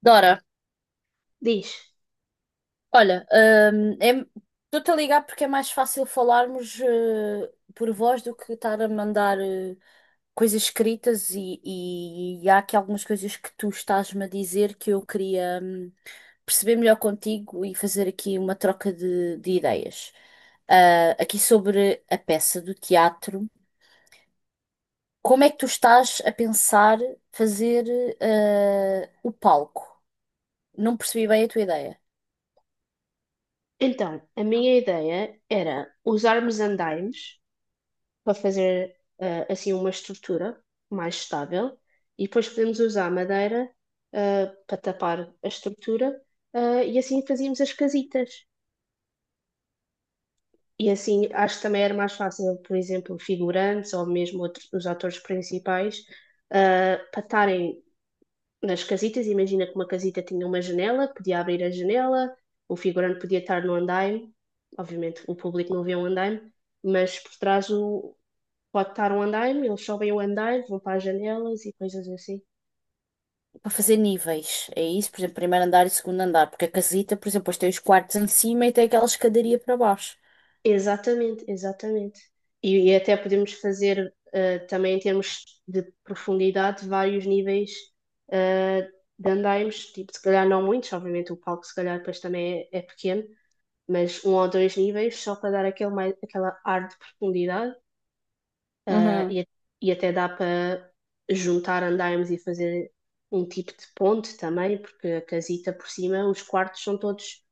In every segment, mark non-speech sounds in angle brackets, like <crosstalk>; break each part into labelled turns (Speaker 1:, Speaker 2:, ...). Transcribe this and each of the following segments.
Speaker 1: Dora,
Speaker 2: Diz.
Speaker 1: olha, hum, é- estou-te a ligar porque é mais fácil falarmos por voz do que estar a mandar coisas escritas e há aqui algumas coisas que tu estás-me a dizer que eu queria perceber melhor contigo e fazer aqui uma troca de ideias. Aqui sobre a peça do teatro. Como é que tu estás a pensar fazer o palco? Não percebi bem a tua ideia.
Speaker 2: Então, a minha ideia era usarmos andaimes para fazer assim uma estrutura mais estável e depois podemos usar madeira para tapar a estrutura e assim fazíamos as casitas. E assim acho que também era mais fácil, por exemplo, figurantes ou mesmo outros, os atores principais para estarem nas casitas. Imagina que uma casita tinha uma janela, podia abrir a janela, um figurante podia estar no andaime. Obviamente o público não vê um andaime, mas por trás pode estar um andaime, eles sobem o andaime, vão para as janelas e coisas assim.
Speaker 1: Para fazer níveis. É isso, por exemplo, primeiro andar e segundo andar. Porque a casita, por exemplo, depois tem os quartos em cima e tem aquela escadaria para baixo.
Speaker 2: Exatamente, exatamente. E até podemos fazer também em termos de profundidade vários níveis eh, de andaimes, tipo, se calhar não muitos. Obviamente o palco se calhar depois também é pequeno, mas um ou dois níveis só para dar aquele mais, aquela ar de profundidade ah,
Speaker 1: Uhum,
Speaker 2: e, e até dá para juntar andaimes e fazer um tipo de ponte também, porque a casita por cima, os quartos são todos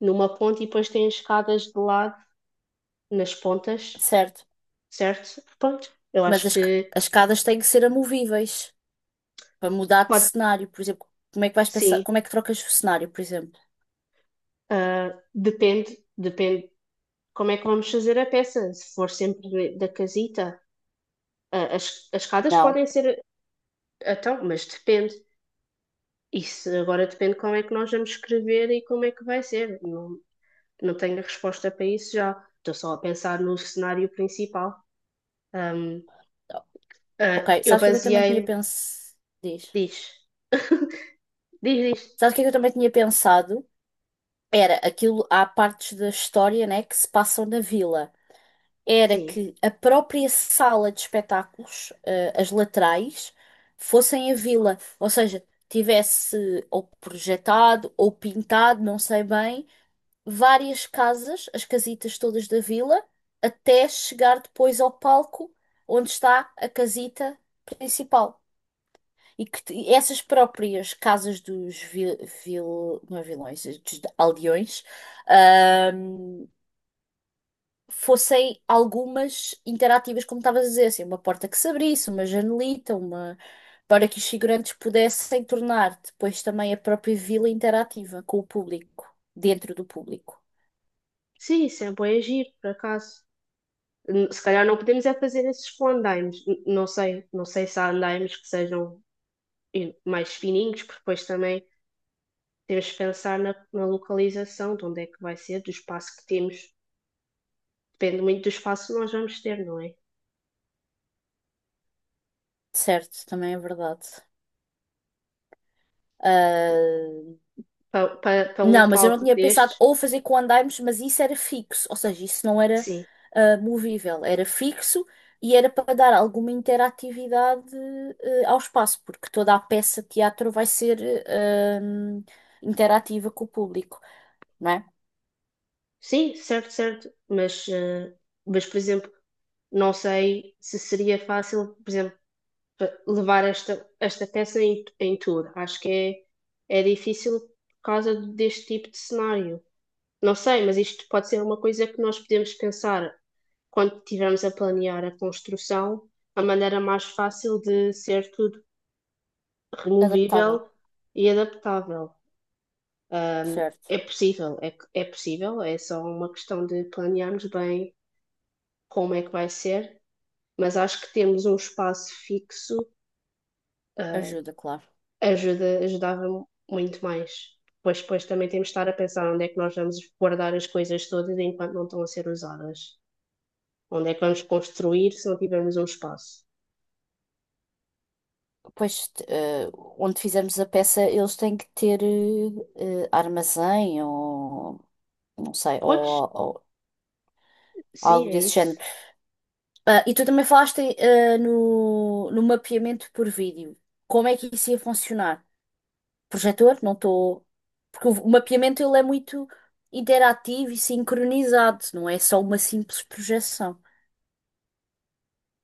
Speaker 2: numa ponte e depois têm escadas de lado nas pontas,
Speaker 1: certo.
Speaker 2: certo? Pronto, eu
Speaker 1: Mas
Speaker 2: acho que
Speaker 1: as escadas têm que ser amovíveis para mudar de
Speaker 2: pode,
Speaker 1: cenário. Por exemplo, como é que vais pensar?
Speaker 2: sim.
Speaker 1: Como é que trocas o cenário, por exemplo?
Speaker 2: Depende, depende como é que vamos fazer a peça, se for sempre da casita. As escadas
Speaker 1: Não.
Speaker 2: podem ser, então, mas depende. Isso agora depende como é que nós vamos escrever e como é que vai ser. Não, não tenho a resposta para isso já. Estou só a pensar no cenário principal. Ahm,
Speaker 1: Ok,
Speaker 2: eu
Speaker 1: sabes o que é que eu também tinha
Speaker 2: baseei-me.
Speaker 1: pensado? Diz.
Speaker 2: Diz. <laughs> Diz, diz.
Speaker 1: Sabes o que é que eu também tinha pensado? Era aquilo, há partes da história, né, que se passam na vila. Era
Speaker 2: Sim.
Speaker 1: que a própria sala de espetáculos, as laterais, fossem a vila, ou seja, tivesse ou projetado ou pintado, não sei bem, várias casas, as casitas todas da vila, até chegar depois ao palco onde está a casita principal. E que essas próprias casas não é vilões, dos aldeões, fossem algumas interativas, como estavas a dizer, assim, uma porta que se abrisse, uma janelita, uma... Para que os figurantes pudessem tornar depois também a própria vila interativa com o público, dentro do público.
Speaker 2: Sim, sempre é bué giro, por acaso. Se calhar não podemos é fazer esses com andaimes. Não sei. Não sei se há andaimes que sejam mais fininhos, porque depois também temos que pensar na localização, de onde é que vai ser, do espaço que temos. Depende muito do espaço que nós vamos ter, não é?
Speaker 1: Certo, também é verdade. Ah,
Speaker 2: Para um
Speaker 1: Não, mas eu não
Speaker 2: palco
Speaker 1: tinha pensado
Speaker 2: destes,
Speaker 1: ou fazer com andaimes, mas isso era fixo, ou seja, isso não era
Speaker 2: sim,
Speaker 1: movível, era fixo e era para dar alguma interatividade ao espaço, porque toda a peça de teatro vai ser ah, interativa com o público, não é?
Speaker 2: sim, certo, certo, mas, mas por exemplo, não sei se seria fácil, por exemplo, levar esta peça em tour. Acho que é difícil por causa deste tipo de cenário. Não sei, mas isto pode ser uma coisa que nós podemos pensar quando estivermos a planear a construção, a maneira mais fácil de ser tudo
Speaker 1: Adaptável,
Speaker 2: removível e adaptável.
Speaker 1: certo?
Speaker 2: É possível, é possível, é só uma questão de planearmos bem como é que vai ser, mas acho que termos um espaço fixo, ah,
Speaker 1: Ajuda, claro.
Speaker 2: ajuda, ajudava muito mais. Pois, depois também temos de estar a pensar onde é que nós vamos guardar as coisas todas enquanto não estão a ser usadas. Onde é que vamos construir se não tivermos um espaço?
Speaker 1: Pois, onde fizermos a peça, eles têm que ter armazém ou não sei,
Speaker 2: Pois,
Speaker 1: ou
Speaker 2: sim,
Speaker 1: algo
Speaker 2: é
Speaker 1: desse género.
Speaker 2: isso.
Speaker 1: Ah, e tu também falaste, ah, no mapeamento por vídeo. Como é que isso ia funcionar? Projetor? Não estou. Porque o mapeamento ele é muito interativo e sincronizado, não é só uma simples projeção.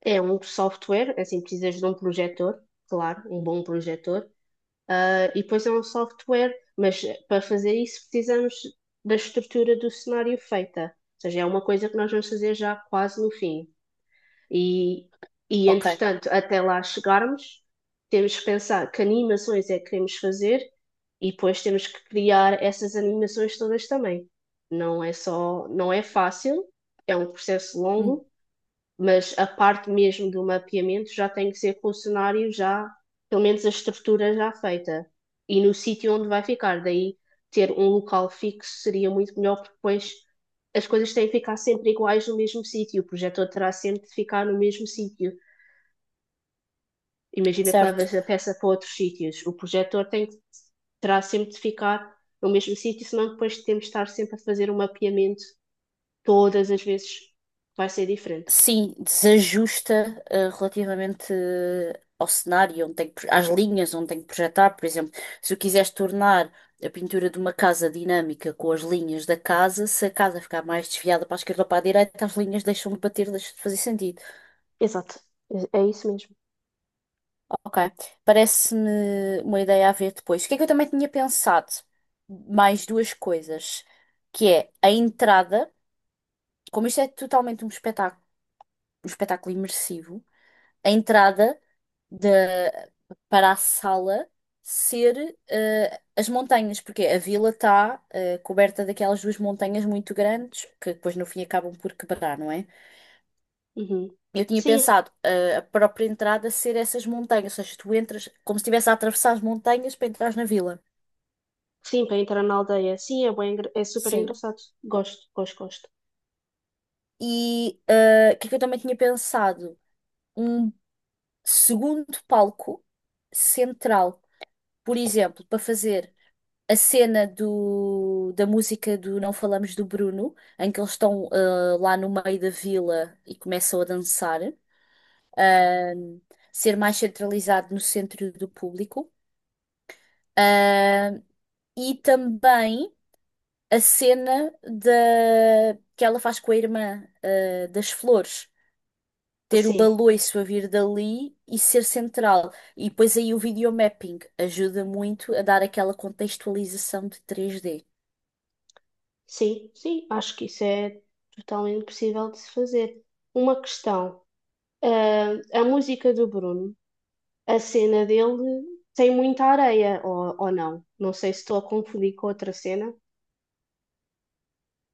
Speaker 2: É um software, assim precisas de um projetor, claro, um bom projetor. Ah, e depois é um software, mas para fazer isso precisamos da estrutura do cenário feita. Ou seja, é uma coisa que nós vamos fazer já quase no fim. E, e
Speaker 1: Ok.
Speaker 2: entretanto, até lá chegarmos, temos que pensar que animações é que queremos fazer e depois temos que criar essas animações todas também. Não é só, não é fácil, é um processo
Speaker 1: Hum,
Speaker 2: longo, mas a parte mesmo do mapeamento já tem que ser com o cenário já, pelo menos a estrutura já feita e no sítio onde vai ficar. Daí ter um local fixo seria muito melhor, porque depois as coisas têm que ficar sempre iguais no mesmo sítio, o projetor terá sempre de ficar no mesmo sítio. Imagina que
Speaker 1: certo.
Speaker 2: levas a peça para outros sítios, o projetor tem que, terá sempre de ficar no mesmo sítio, senão depois temos de estar sempre a fazer um mapeamento. Todas as vezes vai ser diferente.
Speaker 1: Sim, desajusta relativamente ao cenário, onde tem que, às linhas onde tem que projetar. Por exemplo, se eu quisesse tornar a pintura de uma casa dinâmica com as linhas da casa, se a casa ficar mais desviada para a esquerda ou para a direita, as linhas deixam de bater, deixam de fazer sentido.
Speaker 2: Exato. É isso mesmo.
Speaker 1: Ok, parece-me uma ideia a ver depois. O que é que eu também tinha pensado? Mais duas coisas, que é a entrada, como isto é totalmente um espetáculo imersivo. A entrada da para a sala ser as montanhas, porque a vila está coberta daquelas duas montanhas muito grandes que depois no fim acabam por quebrar, não é?
Speaker 2: Uhum.
Speaker 1: Eu tinha
Speaker 2: Sim,
Speaker 1: pensado a própria entrada ser essas montanhas, ou seja, tu entras como se estivesse a atravessar as montanhas para entrar na vila.
Speaker 2: sim, para entrar na aldeia. Sim, é bem, é super
Speaker 1: Sim.
Speaker 2: engraçado. Gosto, gosto, gosto.
Speaker 1: E o que é que eu também tinha pensado? Um segundo palco central, por exemplo, para fazer. A cena da música do Não Falamos do Bruno, em que eles estão lá no meio da vila e começam a dançar, ah, ser mais centralizado no centro do público. Ah, e também a cena que ela faz com a irmã, das flores. Ter o
Speaker 2: Sim,
Speaker 1: baloiço a vir dali e ser central. E depois aí o videomapping ajuda muito a dar aquela contextualização de três d.
Speaker 2: sim, sim. Acho que isso é totalmente possível de se fazer. Uma questão. Ah, a música do Bruno. A cena dele tem muita areia, ou não. Não sei se estou a confundir com outra cena.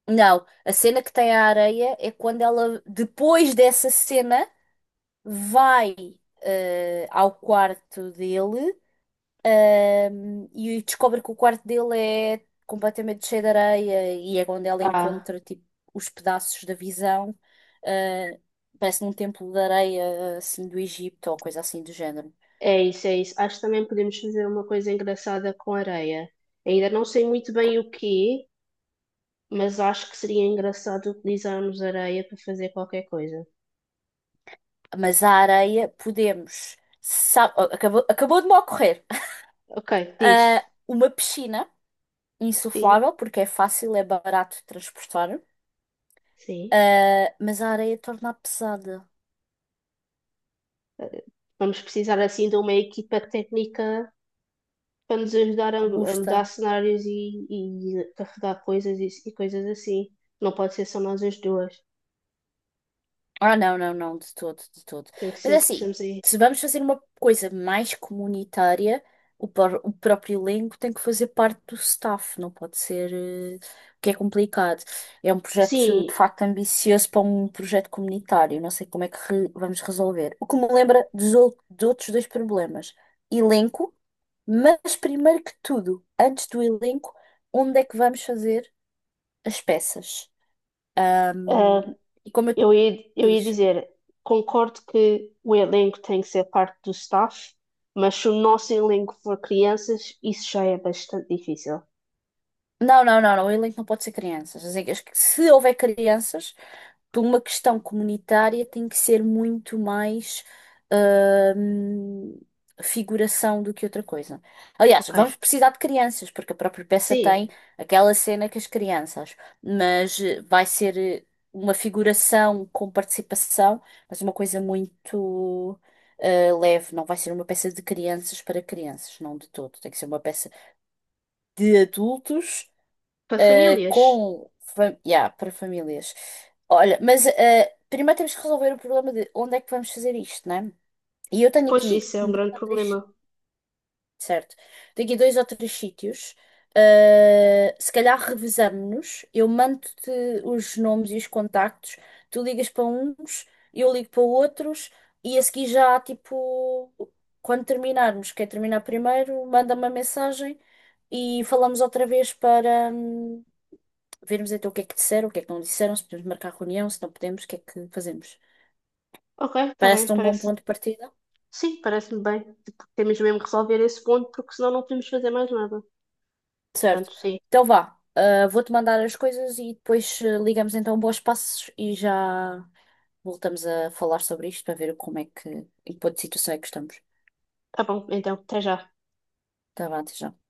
Speaker 1: Não, a cena que tem a areia é quando ela, depois dessa cena, vai ao quarto dele e descobre que o quarto dele é completamente cheio de areia e é quando ela
Speaker 2: Ah,
Speaker 1: encontra tipo, os pedaços da visão. eh, Parece num templo de areia assim do Egito ou coisa assim do género.
Speaker 2: é isso, é isso. Acho que também podemos fazer uma coisa engraçada com areia. Ainda não sei muito bem
Speaker 1: Co-
Speaker 2: o que é, mas acho que seria engraçado utilizarmos areia para fazer qualquer coisa.
Speaker 1: Mas a areia podemos. Acabou, acabou de me ocorrer. <laughs>
Speaker 2: Ok,
Speaker 1: Ah,
Speaker 2: diz.
Speaker 1: uma piscina
Speaker 2: Sim,
Speaker 1: insuflável, porque é fácil, é barato de transportar,
Speaker 2: sim.
Speaker 1: ah, mas a areia torna-a pesada,
Speaker 2: Vamos precisar assim de uma equipa técnica para nos ajudar a
Speaker 1: robusta.
Speaker 2: mudar cenários e carregar coisas e coisas assim. Não pode ser só nós as duas.
Speaker 1: Ah, não, não, não, de todo, de todo.
Speaker 2: Tem que
Speaker 1: Mas é
Speaker 2: ser,
Speaker 1: assim,
Speaker 2: precisamos aí.
Speaker 1: se vamos fazer uma coisa mais comunitária, o próprio elenco tem que fazer parte do staff, não pode ser, o que é complicado. É um projeto
Speaker 2: Sim,
Speaker 1: de facto ambicioso para um projeto comunitário, não sei como é que vamos resolver. O que me lembra de outros dois problemas: elenco, mas primeiro que tudo, antes do elenco, onde é que vamos fazer as peças?
Speaker 2: ah,
Speaker 1: Ahm, e como eu
Speaker 2: eu ia
Speaker 1: disse.
Speaker 2: dizer, concordo que o elenco tem que ser parte do staff, mas se o nosso elenco for crianças, isso já é bastante difícil.
Speaker 1: Não, não, não, não. O elenco não pode ser crianças. Se houver crianças, por uma questão comunitária, tem que ser muito mais hum, figuração do que outra coisa. Aliás, vamos
Speaker 2: Ok.
Speaker 1: precisar de crianças, porque a própria peça
Speaker 2: Sim,
Speaker 1: tem aquela cena com as crianças, mas vai ser uma figuração com participação, mas uma coisa muito leve. Não vai ser uma peça de crianças para crianças, não de todo. Tem que ser uma peça de adultos.
Speaker 2: para famílias.
Speaker 1: Com yeah, para famílias. Olha, mas primeiro temos que resolver o problema de onde é que vamos fazer isto, né? E eu tenho
Speaker 2: Pois
Speaker 1: aqui
Speaker 2: isso é um
Speaker 1: dois
Speaker 2: grande
Speaker 1: ou três,
Speaker 2: problema.
Speaker 1: certo? Tenho aqui dois ou três sítios. Se calhar revezamos-nos. Eu mando-te os nomes e os contactos. Tu ligas para uns, eu ligo para outros. E a seguir já, tipo, quando terminarmos, quer terminar primeiro, manda-me uma mensagem e falamos outra vez para, vermos então o que é que disseram, o que é que não disseram, se podemos marcar reunião, se não podemos, o que é que fazemos.
Speaker 2: Ok, está bem,
Speaker 1: Parece-te um bom
Speaker 2: parece.
Speaker 1: ponto de partida?
Speaker 2: Sim, parece-me bem. Tipo, temos mesmo que resolver esse ponto, porque senão não podemos fazer mais nada.
Speaker 1: Certo.
Speaker 2: Portanto, sim.
Speaker 1: Então vá, vou-te mandar as coisas e depois ligamos então bons passos e já voltamos a falar sobre isto para ver como é que, em que ponto de situação é que estamos.
Speaker 2: Tá bom, então, até já.
Speaker 1: Tá bem, até já.